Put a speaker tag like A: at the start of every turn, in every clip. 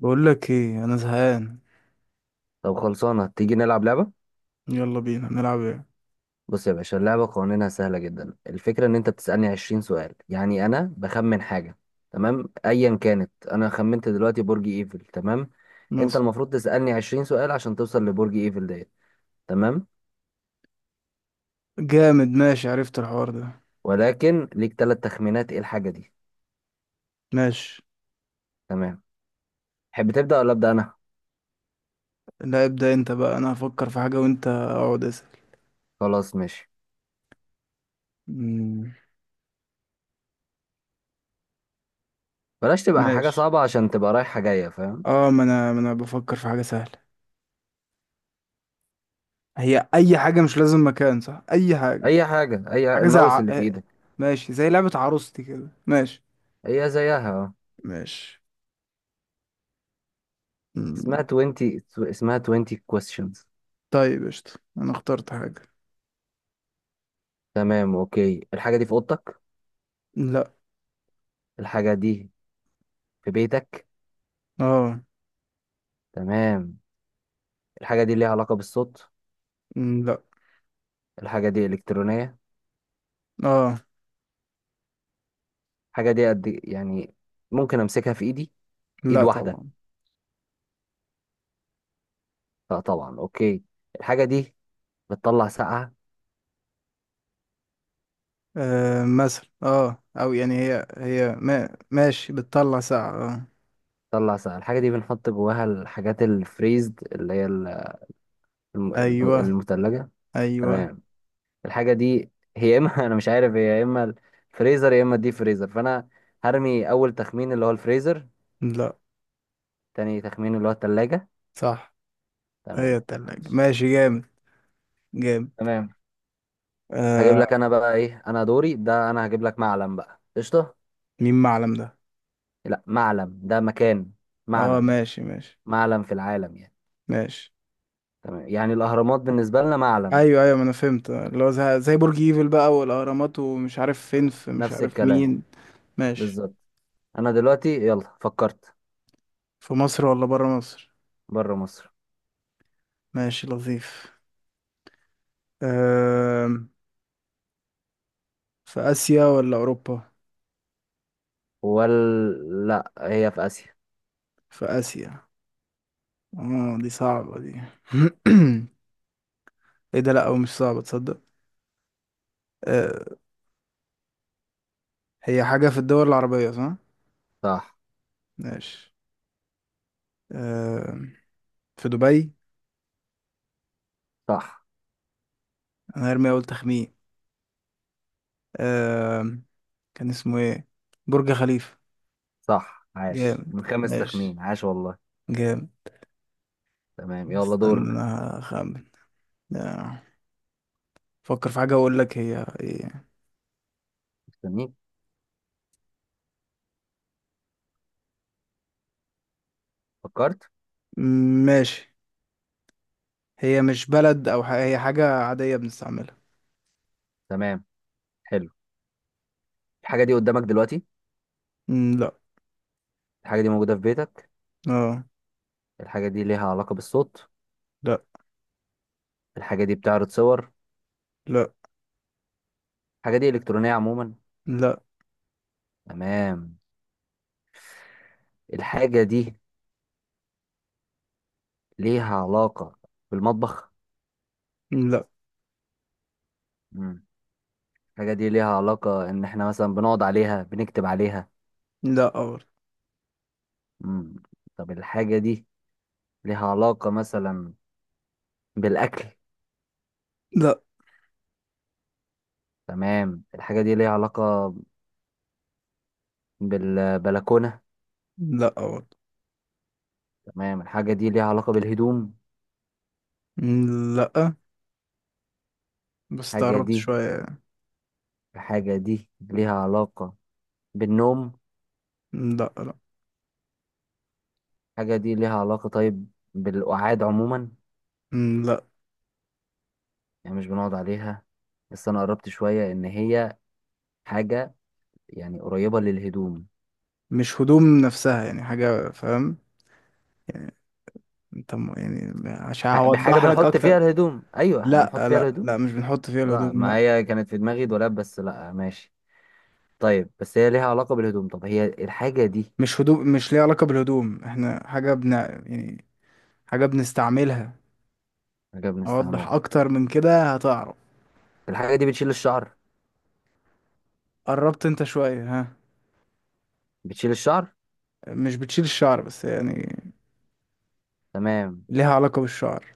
A: بقول لك ايه، انا زهقان.
B: طب خلصانة، تيجي نلعب لعبة؟
A: يلا بينا نلعب ايه؟
B: بص يا باشا، اللعبة قوانينها سهلة جدا. الفكرة ان انت بتسألني 20 سؤال، يعني انا بخمن حاجة، تمام؟ ايا كانت، انا خمنت دلوقتي برج ايفل، تمام. انت
A: مثلا.
B: المفروض تسألني 20 سؤال عشان توصل لبرج ايفل ديت، تمام.
A: جامد، ماشي، عرفت الحوار ده.
B: ولكن ليك ثلاث تخمينات، ايه الحاجة دي؟
A: ماشي.
B: تمام. تحب تبدأ ولا أبدأ انا؟
A: لا ابدأ انت بقى، انا هفكر في حاجة وانت اقعد اسأل.
B: خلاص ماشي.
A: مم.
B: بلاش تبقى حاجة
A: ماشي.
B: صعبة عشان تبقى رايحة جاية، فاهم؟
A: ما انا بفكر في حاجة سهلة. هي اي حاجة، مش لازم مكان، صح؟ اي حاجة.
B: اي حاجة. اي
A: حاجة زي
B: الماوس
A: ع...
B: اللي في
A: آه،
B: ايدك.
A: ماشي، زي لعبة عروستي كده. ماشي.
B: هي زيها، اه.
A: ماشي. مم.
B: اسمها 20. اسمها 20 questions.
A: طيب، قشطة. انا اخترت حاجة.
B: تمام، اوكي. الحاجة دي في اوضتك؟
A: لا.
B: الحاجة دي في بيتك؟
A: اه.
B: تمام. الحاجة دي ليها علاقة بالصوت؟
A: لا.
B: الحاجة دي الكترونية؟
A: اه.
B: الحاجة دي قد، يعني، ممكن امسكها في ايدي؟ ايد
A: لا
B: واحدة؟
A: طبعا.
B: لا طبعا، اوكي. الحاجة دي بتطلع سقعة؟
A: آه مثلا، اه، او يعني هي هي ما ماشي، بتطلع ساعة، اه.
B: بتطلع سقعة. الحاجة دي بنحط جواها الحاجات الفريزد اللي هي
A: ايوه،
B: المتلجة.
A: ايوه.
B: تمام. الحاجة دي هي يا اما انا مش عارف، هي يا اما الفريزر يا اما الديب فريزر، فانا هرمي اول تخمين اللي هو الفريزر.
A: لا.
B: تاني تخمين اللي هو التلاجة.
A: صح، هي
B: تمام،
A: التلاجة.
B: معلش.
A: ماشي، جامد، جامد.
B: تمام، هجيب
A: آه.
B: لك انا بقى ايه. انا دوري ده، انا هجيب لك معلم، بقى قشطه.
A: مين معلم ده؟
B: لا، معلم ده مكان.
A: اه
B: معلم.
A: ماشي، ماشي،
B: معلم في العالم يعني.
A: ماشي.
B: تمام، يعني الاهرامات بالنسبه لنا معلم.
A: ايوه، ايوه، ما انا فهمت. اللي هو زي برج ايفل بقى والاهرامات ومش عارف فين في مش
B: نفس
A: عارف
B: الكلام،
A: مين. ماشي.
B: بالظبط. انا دلوقتي، يلا فكرت.
A: في مصر ولا برا مصر؟
B: بره مصر.
A: ماشي، لطيف. آه. في اسيا ولا اوروبا؟
B: ولا لا هي في اسيا.
A: في اسيا. اه دي صعبة دي. ايه ده، لا، او مش صعبة، تصدق. آه. هي حاجة في الدول العربية، صح؟
B: صح،
A: ماشي. آه. في دبي.
B: صح،
A: انا هرمي اول تخمين. آه. كان اسمه ايه؟ برج خليفة.
B: صح، عاش
A: جامد،
B: من خمس
A: ماشي،
B: تخمين، عاش والله.
A: جامد.
B: تمام، يلا
A: استنى
B: دورك.
A: انا هخمن. آه، فكر في حاجة اقول لك هي ايه.
B: مستنيك. فكرت؟
A: ماشي. هي مش بلد او هي حاجة عادية بنستعملها.
B: تمام، حلو. الحاجه دي قدامك دلوقتي؟
A: م، لا.
B: الحاجه دي موجوده في بيتك؟
A: اه.
B: الحاجة دي ليها علاقة بالصوت؟
A: لا
B: الحاجة دي بتعرض صور؟
A: لا
B: الحاجة دي إلكترونية عموما؟
A: لا
B: تمام. الحاجة دي ليها علاقة بالمطبخ؟
A: لا.
B: مم. الحاجة دي ليها علاقة إن إحنا مثلا بنقعد عليها، بنكتب عليها؟
A: لا أول.
B: مم. طب الحاجة دي ليها علاقة مثلا بالأكل؟
A: لا
B: تمام. الحاجة دي ليها علاقة بالبلكونة؟
A: لا أول.
B: تمام. الحاجة دي ليها علاقة بالهدوم؟
A: لا، بس
B: الحاجة
A: تقربت
B: دي
A: شوية يعني.
B: الحاجة دي ليها علاقة بالنوم؟
A: مم، لا.
B: الحاجة دي ليها علاقة، طيب، بالقعاد عموما؟
A: مم، لا.
B: يعني مش بنقعد عليها، بس انا قربت شوية ان هي حاجة يعني قريبة للهدوم.
A: مش هدوم نفسها، يعني حاجة، فاهم؟ يعني انت يعني عشان
B: بحاجة
A: هوضح لك
B: بنحط
A: اكتر.
B: فيها الهدوم، ايوه،
A: لا
B: بنحط فيها
A: لا
B: الهدوم.
A: لا مش بنحط فيها
B: لا،
A: الهدوم،
B: ما
A: لا.
B: هي كانت في دماغي دولاب، بس لا، ماشي. طيب، بس هي ليها علاقة بالهدوم. طب هي الحاجة دي.
A: مش هدوم، مش ليها علاقة بالهدوم، احنا حاجة يعني حاجة بنستعملها.
B: حاجة
A: اوضح
B: بنستعملها.
A: اكتر من كده هتعرف.
B: الحاجة دي بتشيل الشعر؟
A: قربت انت شوية، ها؟
B: بتشيل الشعر.
A: مش بتشيل الشعر، بس يعني
B: تمام.
A: ليها علاقة بالشعر.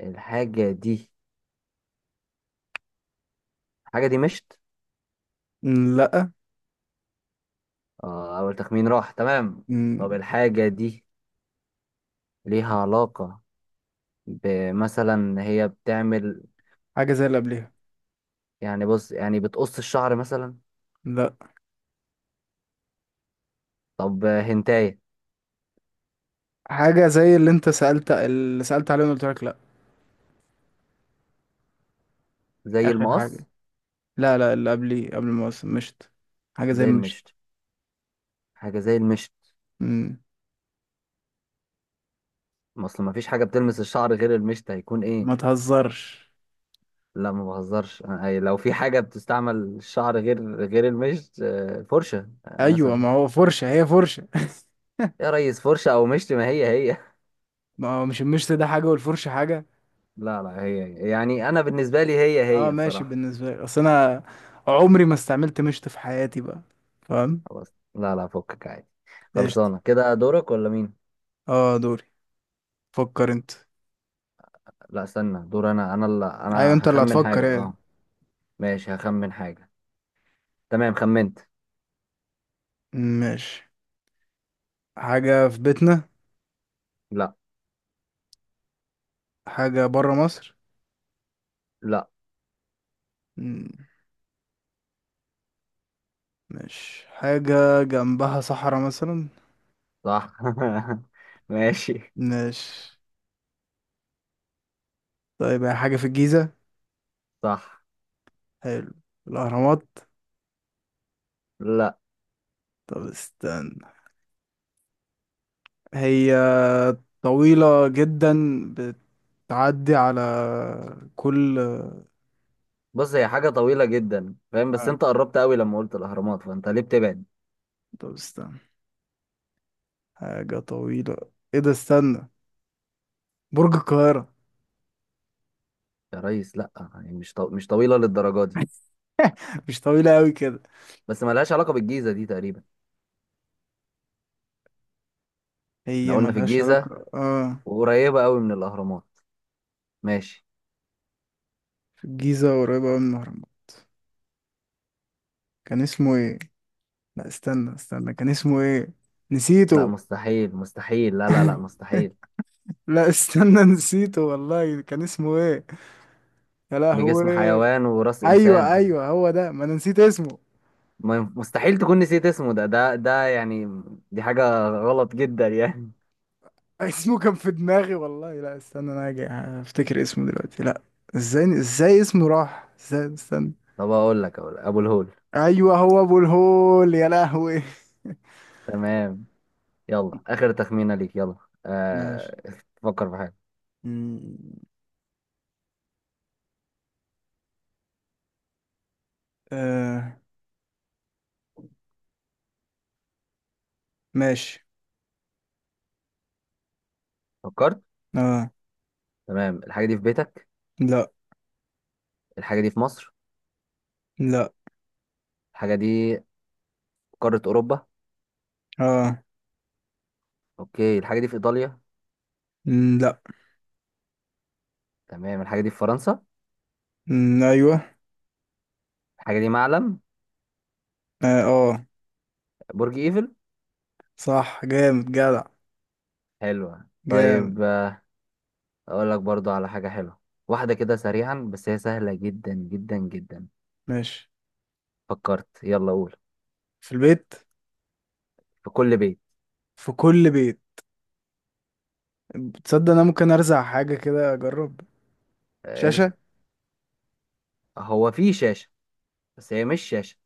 B: الحاجة دي الحاجة دي مشت؟
A: مم، لا.
B: اه، اول تخمين راح، تمام. طب
A: مم.
B: الحاجة دي ليها علاقة بمثلا، هي بتعمل.
A: حاجة زي اللي قبلها.
B: يعني بص، يعني بتقص الشعر مثلا؟
A: لا.
B: طب هنتاية؟
A: حاجة زي اللي انت سألت، اللي سألت عليه وأنا قلت لك لا.
B: زي
A: اخر حاجة.
B: المقص؟
A: لا، لا، اللي قبلي قبل المواسم مشت. حاجة زي
B: زي
A: مشت.
B: المشط. حاجة زي المشط.
A: مم.
B: ما اصل، ما فيش حاجة بتلمس الشعر غير المشط، هيكون ايه؟
A: ما تهزرش.
B: لا ما بهزرش، أي لو في حاجة بتستعمل الشعر غير المشط، آه، فرشة، آه،
A: ايوه،
B: مثلا.
A: ما هو فرشة، هي فرشة.
B: يا ريس، فرشة او مشط، ما هي هي.
A: ما هو مش المشت ده حاجة والفرشة حاجة.
B: لا، لا، هي هي. يعني انا بالنسبة لي هي
A: اه
B: هي
A: ماشي،
B: بصراحة.
A: بالنسبة لي، اصل انا عمري ما استعملت مشت في حياتي بقى، فاهم.
B: خلاص، لا، لا، فكك عادي.
A: قشطة.
B: خلصانة كده، دورك ولا مين؟
A: اه دوري. فكر انت.
B: لا، استنى، دور انا اللي
A: ايوه
B: انا
A: انت اللي
B: هخمن
A: هتفكر.
B: حاجة،
A: ايه؟
B: اه. ماشي، هخمن حاجة. تمام، خمنت.
A: ماشي. حاجة في بيتنا؟
B: لا.
A: حاجة برا مصر؟
B: لا.
A: مم. ماشي، حاجة جنبها صحراء مثلا.
B: صح. ماشي.
A: ماشي. طيب، هي حاجة في الجيزة؟
B: صح.
A: حلو. الأهرامات.
B: لا.
A: طب استنى. هي طويلة جدا، بتعدي على كل.
B: بص، هي حاجة طويلة جدا، فاهم؟ بس
A: آه.
B: انت قربت قوي لما قلت الاهرامات، فانت ليه بتبعد؟
A: طب استنى، حاجة طويلة، ايه ده، استنى. برج القاهرة.
B: يا ريس، لا يعني، مش طويلة للدرجة دي.
A: مش طويلة أوي كده.
B: بس ما لهاش علاقة بالجيزة دي تقريبا. احنا
A: هي
B: قلنا في
A: ملهاش
B: الجيزة،
A: علاقة، اه.
B: وقريبة قوي من الاهرامات، ماشي.
A: في الجيزة، قريبة أوي من الأهرامات. كان اسمه ايه؟ لا استنى، استنى، كان اسمه ايه؟
B: لا،
A: نسيته.
B: مستحيل، مستحيل، لا، لا، لا، مستحيل.
A: لا استنى، نسيته والله، كان اسمه ايه؟ يا لهوي.
B: بجسم حيوان وراس
A: ايوه،
B: انسان.
A: ايوه، هو ده، ما انا نسيت اسمه.
B: ما ينف- مستحيل تكون نسيت اسمه، ده يعني. دي حاجة غلط جدا يعني.
A: اسمه كان في دماغي والله. لا استنى، انا هاجي هفتكر اسمه دلوقتي. لا، ازاي، ازاي اسمه راح، ازاي؟ استنى.
B: طب اقول لك، ابو الهول.
A: ايوه، هو ابو الهول، يا لهوي.
B: تمام. يلا آخر تخمينة ليك، يلا.
A: ماشي.
B: آه... فكر في حاجة.
A: مم. آه. ماشي.
B: فكرت؟
A: اه.
B: تمام. الحاجة دي في بيتك؟
A: لا.
B: الحاجة دي في مصر؟
A: لا.
B: الحاجة دي في قارة أوروبا؟
A: اه.
B: أوكي. الحاجة دي في إيطاليا؟
A: مم، لا.
B: تمام. الحاجة دي في فرنسا؟
A: مم، ايوه.
B: الحاجة دي معلم؟
A: اه. آه.
B: برج إيفل؟
A: صح، جامد، جدع.
B: حلوة،
A: جامد.
B: طيب. أقول لك برضو على حاجة حلوة. واحدة كده سريعا، بس هي سهلة جدا جدا جدا.
A: ماشي.
B: فكرت؟ يلا قول.
A: في البيت.
B: في كل بيت.
A: في كل بيت. تصدق انا ممكن ارزع حاجة كده اجرب.
B: ارزق.
A: شاشة.
B: هو في شاشة، بس هي مش شاشة.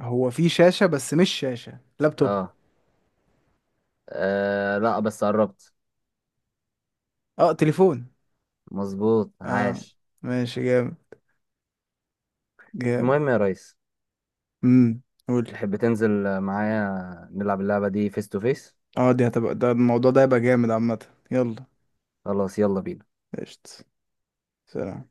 A: هو في شاشة، بس مش شاشة لابتوب.
B: اه، لا، بس قربت.
A: اه، تليفون.
B: مظبوط،
A: اه
B: عاش.
A: ماشي، جامد، جامد.
B: المهم يا ريس.
A: امم، قولي.
B: تحب تنزل معايا نلعب اللعبة دي فيس تو فيس؟
A: اه دي هتبقى، ده الموضوع ده هيبقى جامد عامة. يلا.
B: خلاص، يلا بينا.
A: قشطة. سلام.